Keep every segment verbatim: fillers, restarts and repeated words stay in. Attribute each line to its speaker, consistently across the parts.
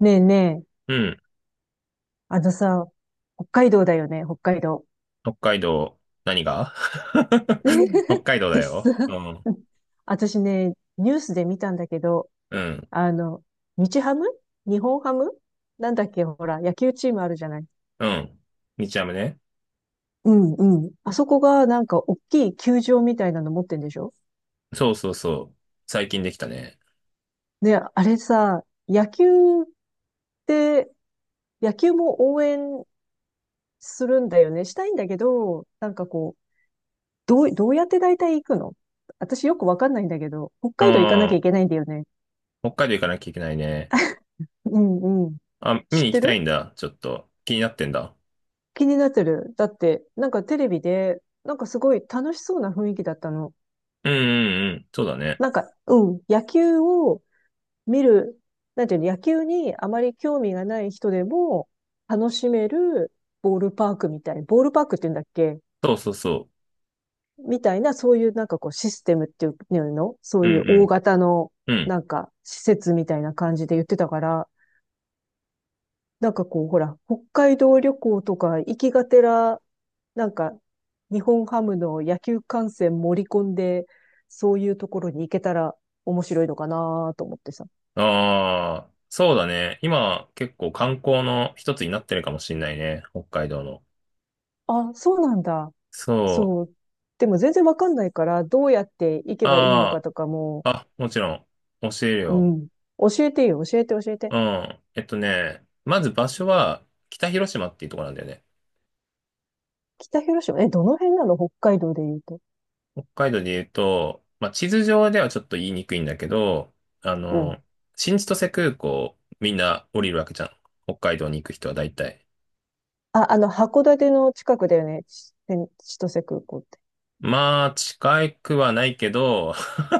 Speaker 1: ねえねえ、
Speaker 2: うん。
Speaker 1: あのさ、北海道だよね、北海道。
Speaker 2: 北海道、何が 北 海道だ
Speaker 1: 私さ、
Speaker 2: よ。うん。
Speaker 1: 私ね、ニュースで見たんだけど、
Speaker 2: うん。
Speaker 1: あの、日ハム日本ハムなんだっけ、ほら、野球チームあるじゃない。
Speaker 2: うん。日ハムね。
Speaker 1: うんうん。あそこがなんか大きい球場みたいなの持ってんでしょ。
Speaker 2: そうそうそう。最近できたね。
Speaker 1: で、あれさ、野球って、野球も応援するんだよね。したいんだけど、なんかこう、どう、どうやって大体行くの？私よくわかんないんだけど、北
Speaker 2: う
Speaker 1: 海道行かなきゃ
Speaker 2: ん。
Speaker 1: いけないんだよね。
Speaker 2: 北海道行かなきゃいけないね。
Speaker 1: うんうん。
Speaker 2: あ、見
Speaker 1: 知
Speaker 2: に
Speaker 1: っ
Speaker 2: 行き
Speaker 1: て
Speaker 2: たいん
Speaker 1: る？
Speaker 2: だ。ちょっと。気になってんだ。
Speaker 1: 気になってる。だって、なんかテレビで、なんかすごい楽しそうな雰囲気だったの。
Speaker 2: うんうんうん。そうだね。
Speaker 1: なんか、うん、野球を見る、なんていうの、野球にあまり興味がない人でも楽しめるボールパークみたい、ボールパークって言うんだっけ？
Speaker 2: そうそうそ
Speaker 1: みたいな、そういうなんかこうシステムっていうの、そ
Speaker 2: う。
Speaker 1: う
Speaker 2: う
Speaker 1: いう大
Speaker 2: ん
Speaker 1: 型の
Speaker 2: うん。うん。
Speaker 1: なんか施設みたいな感じで言ってたから、なんかこう、ほら、北海道旅行とか行きがてら、なんか、日本ハムの野球観戦盛り込んで、そういうところに行けたら面白いのかなと思ってさ。
Speaker 2: ああ、そうだね。今、結構観光の一つになってるかもしんないね。北海道の。
Speaker 1: あ、そうなんだ。
Speaker 2: そ
Speaker 1: そう。
Speaker 2: う。
Speaker 1: でも全然わかんないから、どうやって行けばいいのか
Speaker 2: あ
Speaker 1: とかも、
Speaker 2: あ、あ、もちろん。教える
Speaker 1: う
Speaker 2: よ。
Speaker 1: ん。教えてよ、教えて、教えて。
Speaker 2: うん。えっとね、まず場所は北広島っていうところなんだよね。
Speaker 1: 北広島、え、どの辺なの北海道で言うと。
Speaker 2: 北海道で言うと、まあ、地図上ではちょっと言いにくいんだけど、あ
Speaker 1: うん。
Speaker 2: の、新千歳空港みんな降りるわけじゃん。北海道に行く人は大体。
Speaker 1: あ、あの、函館の近くだよね。千千歳空港って。
Speaker 2: まあ、近くはないけど、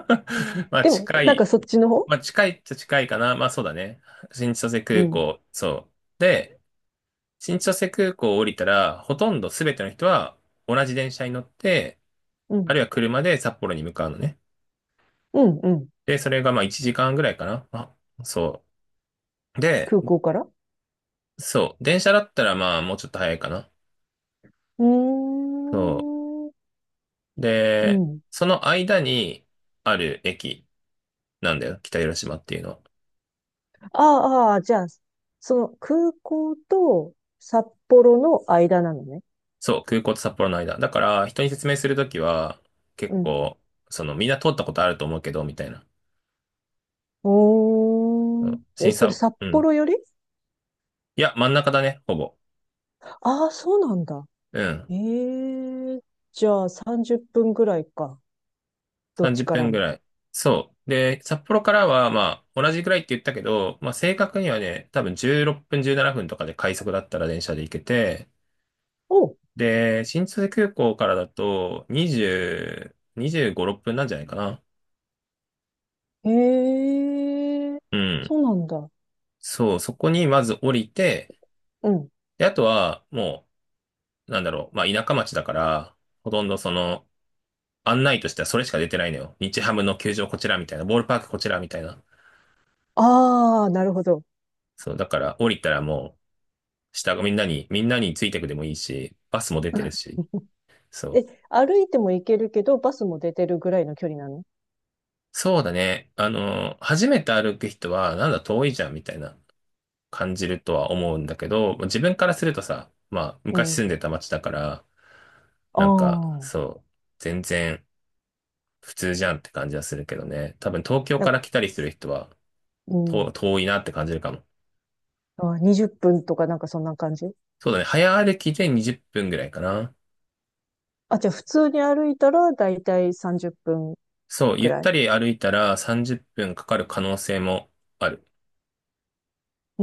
Speaker 2: ま あ、
Speaker 1: でも、
Speaker 2: 近
Speaker 1: なんか
Speaker 2: い。
Speaker 1: そっちの方。
Speaker 2: まあ、近いっちゃ近いかな。まあ、そうだね。新千歳
Speaker 1: う
Speaker 2: 空
Speaker 1: ん。
Speaker 2: 港、そう。で、新千歳空港を降りたら、ほとんど全ての人は同じ電車に乗って、
Speaker 1: う
Speaker 2: あ
Speaker 1: ん。
Speaker 2: るいは車で札幌に向かうのね。
Speaker 1: うん、うん。
Speaker 2: で、それがまあいちじかんぐらいかな。あ、そう。で、
Speaker 1: 空港から。う
Speaker 2: そう。電車だったらまあもうちょっと早いかな。
Speaker 1: ー
Speaker 2: そ
Speaker 1: ん。
Speaker 2: う。
Speaker 1: う
Speaker 2: で、
Speaker 1: ん。
Speaker 2: その間にある駅なんだよ。北広島っていうのは。
Speaker 1: ああ、ああじゃあ、その空港と札幌の間なのね。
Speaker 2: そう。空港と札幌の間。だから人に説明するときは
Speaker 1: う
Speaker 2: 結
Speaker 1: ん。
Speaker 2: 構、そのみんな通ったことあると思うけど、みたいな。う
Speaker 1: おーん。
Speaker 2: ん、
Speaker 1: え、
Speaker 2: 審
Speaker 1: それ
Speaker 2: 査、
Speaker 1: 札
Speaker 2: うん。
Speaker 1: 幌より。
Speaker 2: いや、真ん中だね、ほぼ。
Speaker 1: ああー、そうなんだ。
Speaker 2: うん。
Speaker 1: ええ、じゃあさんじゅっぷんぐらいか。どっち
Speaker 2: 30
Speaker 1: から
Speaker 2: 分ぐ
Speaker 1: も。
Speaker 2: らい。そう。で、札幌からは、まあ、同じぐらいって言ったけど、まあ、正確にはね、多分じゅうろっぷん、じゅうななふんとかで快速だったら電車で行けて、
Speaker 1: おう、
Speaker 2: で、新千歳空港からだと、にじゅう、にじゅうご、ろっぷんなんじゃないかな。
Speaker 1: ええ、
Speaker 2: うん。
Speaker 1: そうなんだ。
Speaker 2: そう、そこにまず降りて、
Speaker 1: うん。
Speaker 2: で、あとは、もう、なんだろう、まあ、田舎町だから、ほとんどその、案内としてはそれしか出てないのよ。日ハムの球場こちらみたいな、ボールパークこちらみたいな。
Speaker 1: ああ、なるほど。
Speaker 2: そう、だから降りたらもう、下がみんなに、みんなについてくでもいいし、バスも出てるし、そ
Speaker 1: え、
Speaker 2: う。
Speaker 1: 歩いても行けるけど、バスも出てるぐらいの距離なの？
Speaker 2: そうだね。あの、初めて歩く人は、なんだ遠いじゃんみたいな感じるとは思うんだけど、自分からするとさ、まあ、
Speaker 1: う
Speaker 2: 昔住
Speaker 1: ん。
Speaker 2: んでた町だから、
Speaker 1: あ
Speaker 2: なんか、
Speaker 1: あ、
Speaker 2: そう、全然普通じゃんって感じはするけどね。多分東京
Speaker 1: な、
Speaker 2: から来たりする人は、
Speaker 1: う
Speaker 2: と
Speaker 1: ん。
Speaker 2: 遠いなって感じるかも。
Speaker 1: あ、にじゅっぷんとかなんかそんな感じ？
Speaker 2: そうだね。早歩きでにじゅっぷんぐらいかな。
Speaker 1: あ、じゃあ普通に歩いたらだいたいさんじゅっぷん
Speaker 2: そう、
Speaker 1: く
Speaker 2: ゆっ
Speaker 1: ら
Speaker 2: た
Speaker 1: い。
Speaker 2: り歩いたらさんじゅっぷんかかる可能性もある。
Speaker 1: う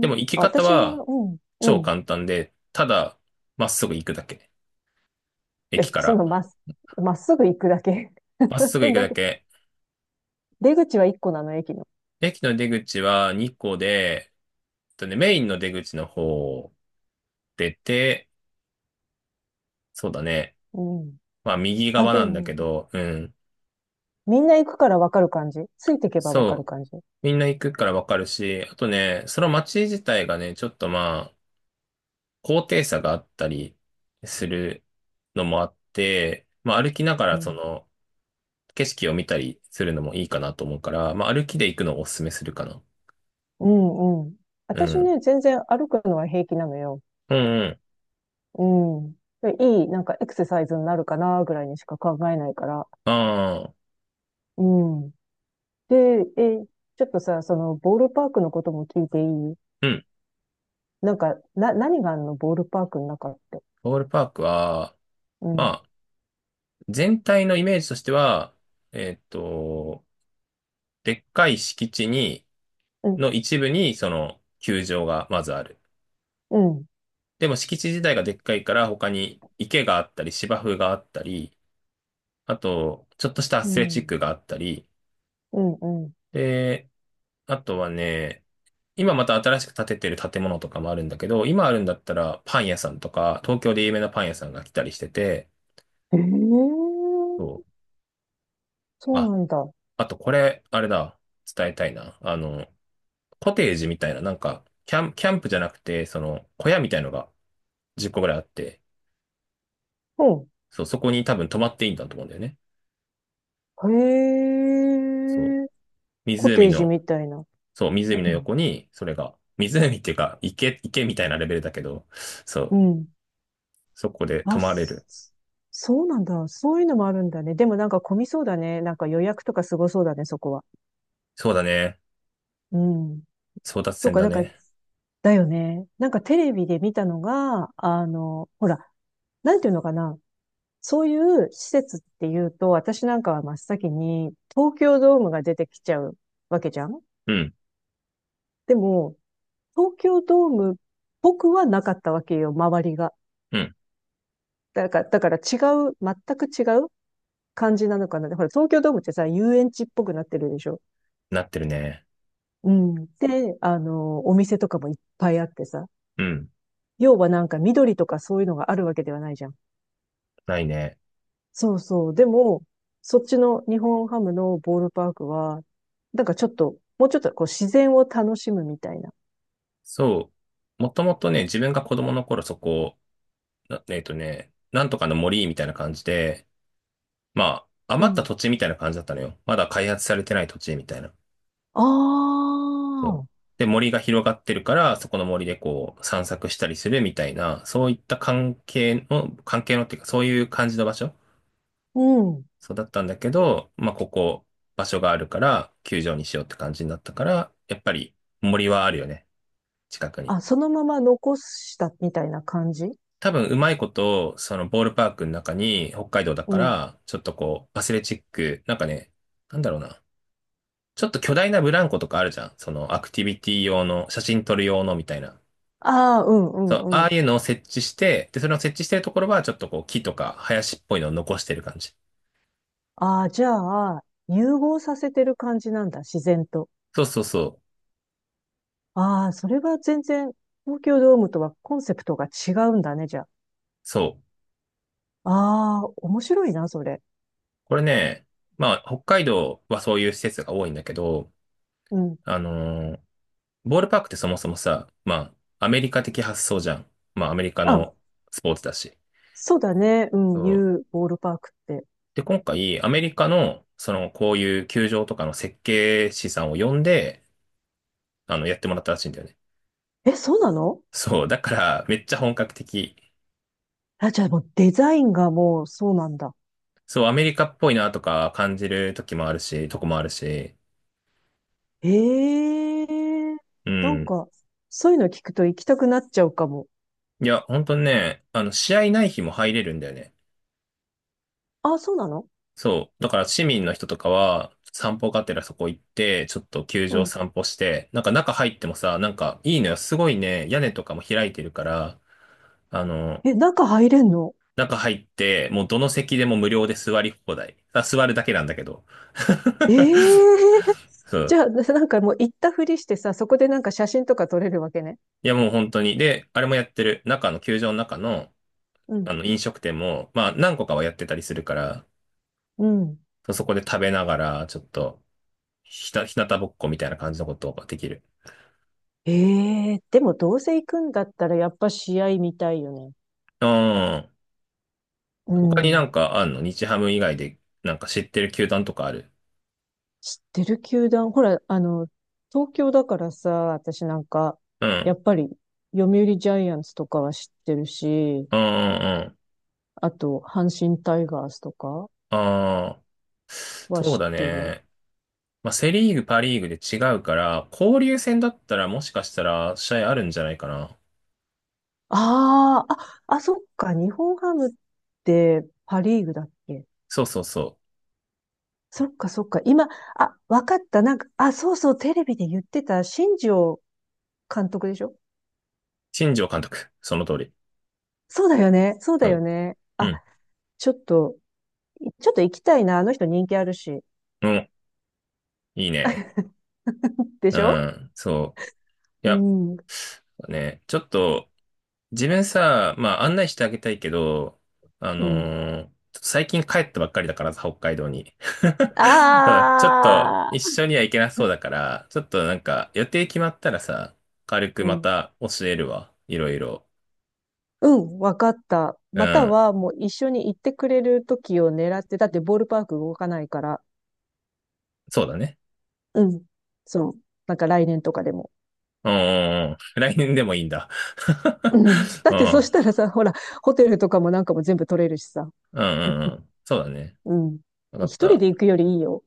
Speaker 2: で
Speaker 1: ん。
Speaker 2: も行き
Speaker 1: あ、
Speaker 2: 方
Speaker 1: 私、う
Speaker 2: は、
Speaker 1: ん、う
Speaker 2: 超
Speaker 1: ん。
Speaker 2: 簡単で、ただ、まっすぐ行くだけ。駅
Speaker 1: え、
Speaker 2: か
Speaker 1: そ
Speaker 2: ら。
Speaker 1: のまっす、まっすぐ行くだけ。
Speaker 2: まっすぐ行 く
Speaker 1: だ
Speaker 2: だ
Speaker 1: け、
Speaker 2: け。
Speaker 1: 出口はいっこなの、駅の？
Speaker 2: 駅の出口はにこで、えっとね、メインの出口の方を出て、そうだね。
Speaker 1: うん。
Speaker 2: まあ、右
Speaker 1: あ、
Speaker 2: 側
Speaker 1: で
Speaker 2: なんだ
Speaker 1: も、
Speaker 2: けど、うん。
Speaker 1: みんな行くからわかる感じ。ついていけばわかる
Speaker 2: そう。
Speaker 1: 感じ。
Speaker 2: みんな行くからわかるし、あとね、その街自体がね、ちょっとまあ、高低差があったりするのもあって、まあ、歩きなが
Speaker 1: う
Speaker 2: らそ
Speaker 1: ん。
Speaker 2: の、景色を見たりするのもいいかなと思うから、まあ、歩きで行くのをおすすめするかな。
Speaker 1: うん、うん。
Speaker 2: う
Speaker 1: 私
Speaker 2: ん。
Speaker 1: ね、全然歩くのは平気なのよ。
Speaker 2: うんうん。
Speaker 1: うん。で、いい、なんかエクササイズになるかな、ぐらいにしか考えないから。
Speaker 2: ああ、
Speaker 1: うん。で、え、ちょっとさ、その、ボールパークのことも聞いていい？
Speaker 2: うん。
Speaker 1: なんか、な、何があんのボールパークの中って？
Speaker 2: ボールパークは、
Speaker 1: うん。
Speaker 2: まあ、全体のイメージとしては、えーっと、でっかい敷地に、
Speaker 1: うん。
Speaker 2: の一部に、その、球場がまずある。
Speaker 1: うん。
Speaker 2: でも敷地自体がでっかいから、他に池があったり、芝生があったり、あと、ちょっとしたア
Speaker 1: う
Speaker 2: スレチッ
Speaker 1: ん。
Speaker 2: クがあったり、
Speaker 1: うん。うん。
Speaker 2: で、あとはね、今また新しく建ててる建物とかもあるんだけど、今あるんだったらパン屋さんとか、東京で有名なパン屋さんが来たりしてて、
Speaker 1: ええ、
Speaker 2: そう。
Speaker 1: そうなんだ。
Speaker 2: あとこれ、あれだ、伝えたいな。あの、コテージみたいな、なんか、キャン、キャンプじゃなくて、その、小屋みたいのがじゅっこぐらいあって、
Speaker 1: うん。
Speaker 2: そう、そこに多分泊まっていいんだと思うんだよね。そ
Speaker 1: へ
Speaker 2: う。
Speaker 1: え。コテ
Speaker 2: 湖
Speaker 1: ージ
Speaker 2: の、
Speaker 1: みたいな。
Speaker 2: そう、湖の
Speaker 1: うん。
Speaker 2: 横に、それが、湖っていうか、池、池みたいなレベルだけど、そ
Speaker 1: う
Speaker 2: う、
Speaker 1: ん。
Speaker 2: そこで泊
Speaker 1: あ、
Speaker 2: まれ
Speaker 1: そ
Speaker 2: る。
Speaker 1: そうなんだ。そういうのもあるんだね。でもなんか混みそうだね。なんか予約とかすごそうだね、そこは。
Speaker 2: そうだね。
Speaker 1: うん。
Speaker 2: 争奪
Speaker 1: と
Speaker 2: 戦
Speaker 1: か、
Speaker 2: だ
Speaker 1: なんか
Speaker 2: ね。
Speaker 1: だよね。なんかテレビで見たのが、あの、ほら、なんていうのかな。そういう施設っていうと、私なんかは真っ先に東京ドームが出てきちゃうわけじゃん。
Speaker 2: うん、
Speaker 1: でも、東京ドーム、僕はなかったわけよ、周りが。
Speaker 2: うん、
Speaker 1: だから、だから違う、全く違う感じなのかな。ほら、東京ドームってさ、遊園地っぽくなってるでしょ。
Speaker 2: なってるね。
Speaker 1: うん。で、あの、お店とかもいっぱいあってさ。
Speaker 2: うん、
Speaker 1: 要はなんか緑とかそういうのがあるわけではないじゃん。
Speaker 2: ないね。
Speaker 1: そうそう。でも、そっちの日本ハムのボールパークは、なんかちょっと、もうちょっとこう自然を楽しむみたいな。
Speaker 2: そう。もともとね、自分が子供の頃そこなえっとね、なんとかの森みたいな感じで、まあ、
Speaker 1: う
Speaker 2: 余った
Speaker 1: ん。
Speaker 2: 土地みたいな感じだったのよ。まだ開発されてない土地みたいな。
Speaker 1: あ
Speaker 2: そう。
Speaker 1: あ、
Speaker 2: で、森が広がってるから、そこの森でこう散策したりするみたいな、そういった関係の、関係のっていうか、そういう感じの場所
Speaker 1: うん。
Speaker 2: そうだったんだけど、まあ、ここ、場所があるから、球場にしようって感じになったから、やっぱり森はあるよね。近くに。
Speaker 1: あ、そのまま残したみたいな感じ？
Speaker 2: 多分うまいこと、そのボールパークの中に北海道だ
Speaker 1: う
Speaker 2: か
Speaker 1: ん。
Speaker 2: ら、ちょっとこう、アスレチック、なんかね、なんだろうな。ちょっと巨大なブランコとかあるじゃん。そのアクティビティ用の、写真撮る用のみたいな。
Speaker 1: ああ、うんう
Speaker 2: そう、
Speaker 1: んう
Speaker 2: あ
Speaker 1: ん。
Speaker 2: あいうのを設置して、で、それを設置してるところは、ちょっとこう、木とか林っぽいのを残してる感じ。
Speaker 1: ああ、じゃあ、融合させてる感じなんだ、自然と。
Speaker 2: そうそうそう。
Speaker 1: ああ、それは全然、東京ドームとはコンセプトが違うんだね、じゃ
Speaker 2: そう。
Speaker 1: あ。ああ、面白いな、それ。
Speaker 2: これね、まあ、北海道はそういう施設が多いんだけど、
Speaker 1: うん。
Speaker 2: あのーボールパークってそもそもさ、まあ、アメリカ的発想じゃん。まあ、アメリカの
Speaker 1: あ、
Speaker 2: スポーツだし。
Speaker 1: そうだね。う
Speaker 2: そ
Speaker 1: ん、
Speaker 2: う
Speaker 1: U ボールパークって。
Speaker 2: で、今回、アメリカの、その、こういう球場とかの設計士さんを呼んで、あの、やってもらったらしいんだよね。
Speaker 1: え、そうなの？
Speaker 2: そう、だから、めっちゃ本格的。
Speaker 1: あ、じゃあもうデザインがもうそうなんだ。
Speaker 2: そう、アメリカっぽいなとか感じる時もあるし、とこもあるし。
Speaker 1: ええ、
Speaker 2: う
Speaker 1: なん
Speaker 2: ん。
Speaker 1: か、そういうの聞くと行きたくなっちゃうかも。
Speaker 2: いや、本当にね、あの、試合ない日も入れるんだよね。
Speaker 1: あ、そうなの？
Speaker 2: そう、だから市民の人とかは、散歩がてらそこ行って、ちょっと球
Speaker 1: う
Speaker 2: 場
Speaker 1: ん。
Speaker 2: 散歩して、なんか中入ってもさ、なんかいいのよ。すごいね、屋根とかも開いてるから、あの、
Speaker 1: え、中入れんの？
Speaker 2: 中入って、もうどの席でも無料で座り放題。あ、座るだけなんだけど。
Speaker 1: ええ
Speaker 2: そ
Speaker 1: じ
Speaker 2: う。
Speaker 1: ゃあ、なんかもう行ったふりしてさ、そこでなんか写真とか撮れるわけね。
Speaker 2: いや、もう本当に。で、あれもやってる。中の、球場の中の、
Speaker 1: う
Speaker 2: あ
Speaker 1: ん。
Speaker 2: の、飲食店も、まあ、何個かはやってたりするから、
Speaker 1: うん。
Speaker 2: そうそこで食べながら、ちょっと、ひた、ひなたぼっこみたいな感じのことができる。
Speaker 1: ええ、でもどうせ行くんだったらやっぱ試合見たいよね。
Speaker 2: うん。
Speaker 1: う
Speaker 2: 他になん
Speaker 1: ん。
Speaker 2: かあんの日ハム以外で、なんか知ってる球団とかある
Speaker 1: 知ってる球団、ほら、あの、東京だからさ、私なんか、
Speaker 2: うん。
Speaker 1: やっぱり、読売ジャイアンツとかは知ってるし、
Speaker 2: うんうんうん。
Speaker 1: あと、阪神タイガースとか
Speaker 2: ああ。
Speaker 1: は
Speaker 2: そう
Speaker 1: 知っ
Speaker 2: だ
Speaker 1: てる。
Speaker 2: ね。まあ、セリーグ、パリーグで違うから、交流戦だったらもしかしたら試合あるんじゃないかな。
Speaker 1: ああ、あ、あ、そっか、日本ハムってパリーグだっけ？
Speaker 2: そうそうそう。
Speaker 1: そっか、そっか、今、あ、わかった、なんか、あ、そうそう、テレビで言ってた、新庄監督でしょ？
Speaker 2: 新庄監督。その通り。
Speaker 1: そうだよね、そうだよ
Speaker 2: そ
Speaker 1: ね。
Speaker 2: う。う
Speaker 1: あ、
Speaker 2: ん。
Speaker 1: ちょっと、ちょっと行きたいな、あの人人気あるし。
Speaker 2: うん。いいね。
Speaker 1: で
Speaker 2: う
Speaker 1: しょ？
Speaker 2: ん。そう。い
Speaker 1: う
Speaker 2: や、
Speaker 1: ん。
Speaker 2: ね、ちょっと、自分さ、まあ、案内してあげたいけど、あ
Speaker 1: う
Speaker 2: の
Speaker 1: ん。
Speaker 2: ー最近帰ったばっかりだからさ、北海道に。うんちょっと、
Speaker 1: あ
Speaker 2: 一
Speaker 1: あ、
Speaker 2: 緒には行けなそう だから、ちょっとなんか、予定決まったらさ、軽く
Speaker 1: う
Speaker 2: ま
Speaker 1: ん。
Speaker 2: た教えるわ。いろいろ。
Speaker 1: うん、わかった。
Speaker 2: う
Speaker 1: また
Speaker 2: ん。
Speaker 1: は、もう一緒に行ってくれる時を狙って、だってボールパーク動かないから。
Speaker 2: そうだね。
Speaker 1: うん。そう。なんか来年とかでも。
Speaker 2: うんうんうん。来年でもいいんだ。
Speaker 1: うん。だっ
Speaker 2: う
Speaker 1: てそ
Speaker 2: ん。
Speaker 1: したらさ、ほら、ホテルとかもなんかも全部取れるしさ。
Speaker 2: うんうんう ん。そうだね。
Speaker 1: うん。
Speaker 2: わか
Speaker 1: 一
Speaker 2: っ
Speaker 1: 人
Speaker 2: た。
Speaker 1: で行くよりいいよ。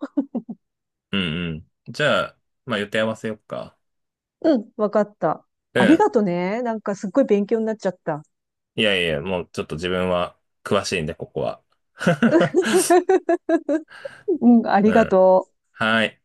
Speaker 2: うんうん。じゃあ、まあ予定合わせよっか。
Speaker 1: うん、わかった。
Speaker 2: う
Speaker 1: あり
Speaker 2: ん。
Speaker 1: がとね。なんかすっごい勉強になっちゃった。
Speaker 2: いやいや、もうちょっと自分は詳しいんで、ここは。
Speaker 1: うん、あ
Speaker 2: う
Speaker 1: りが
Speaker 2: ん。
Speaker 1: とう。
Speaker 2: はい。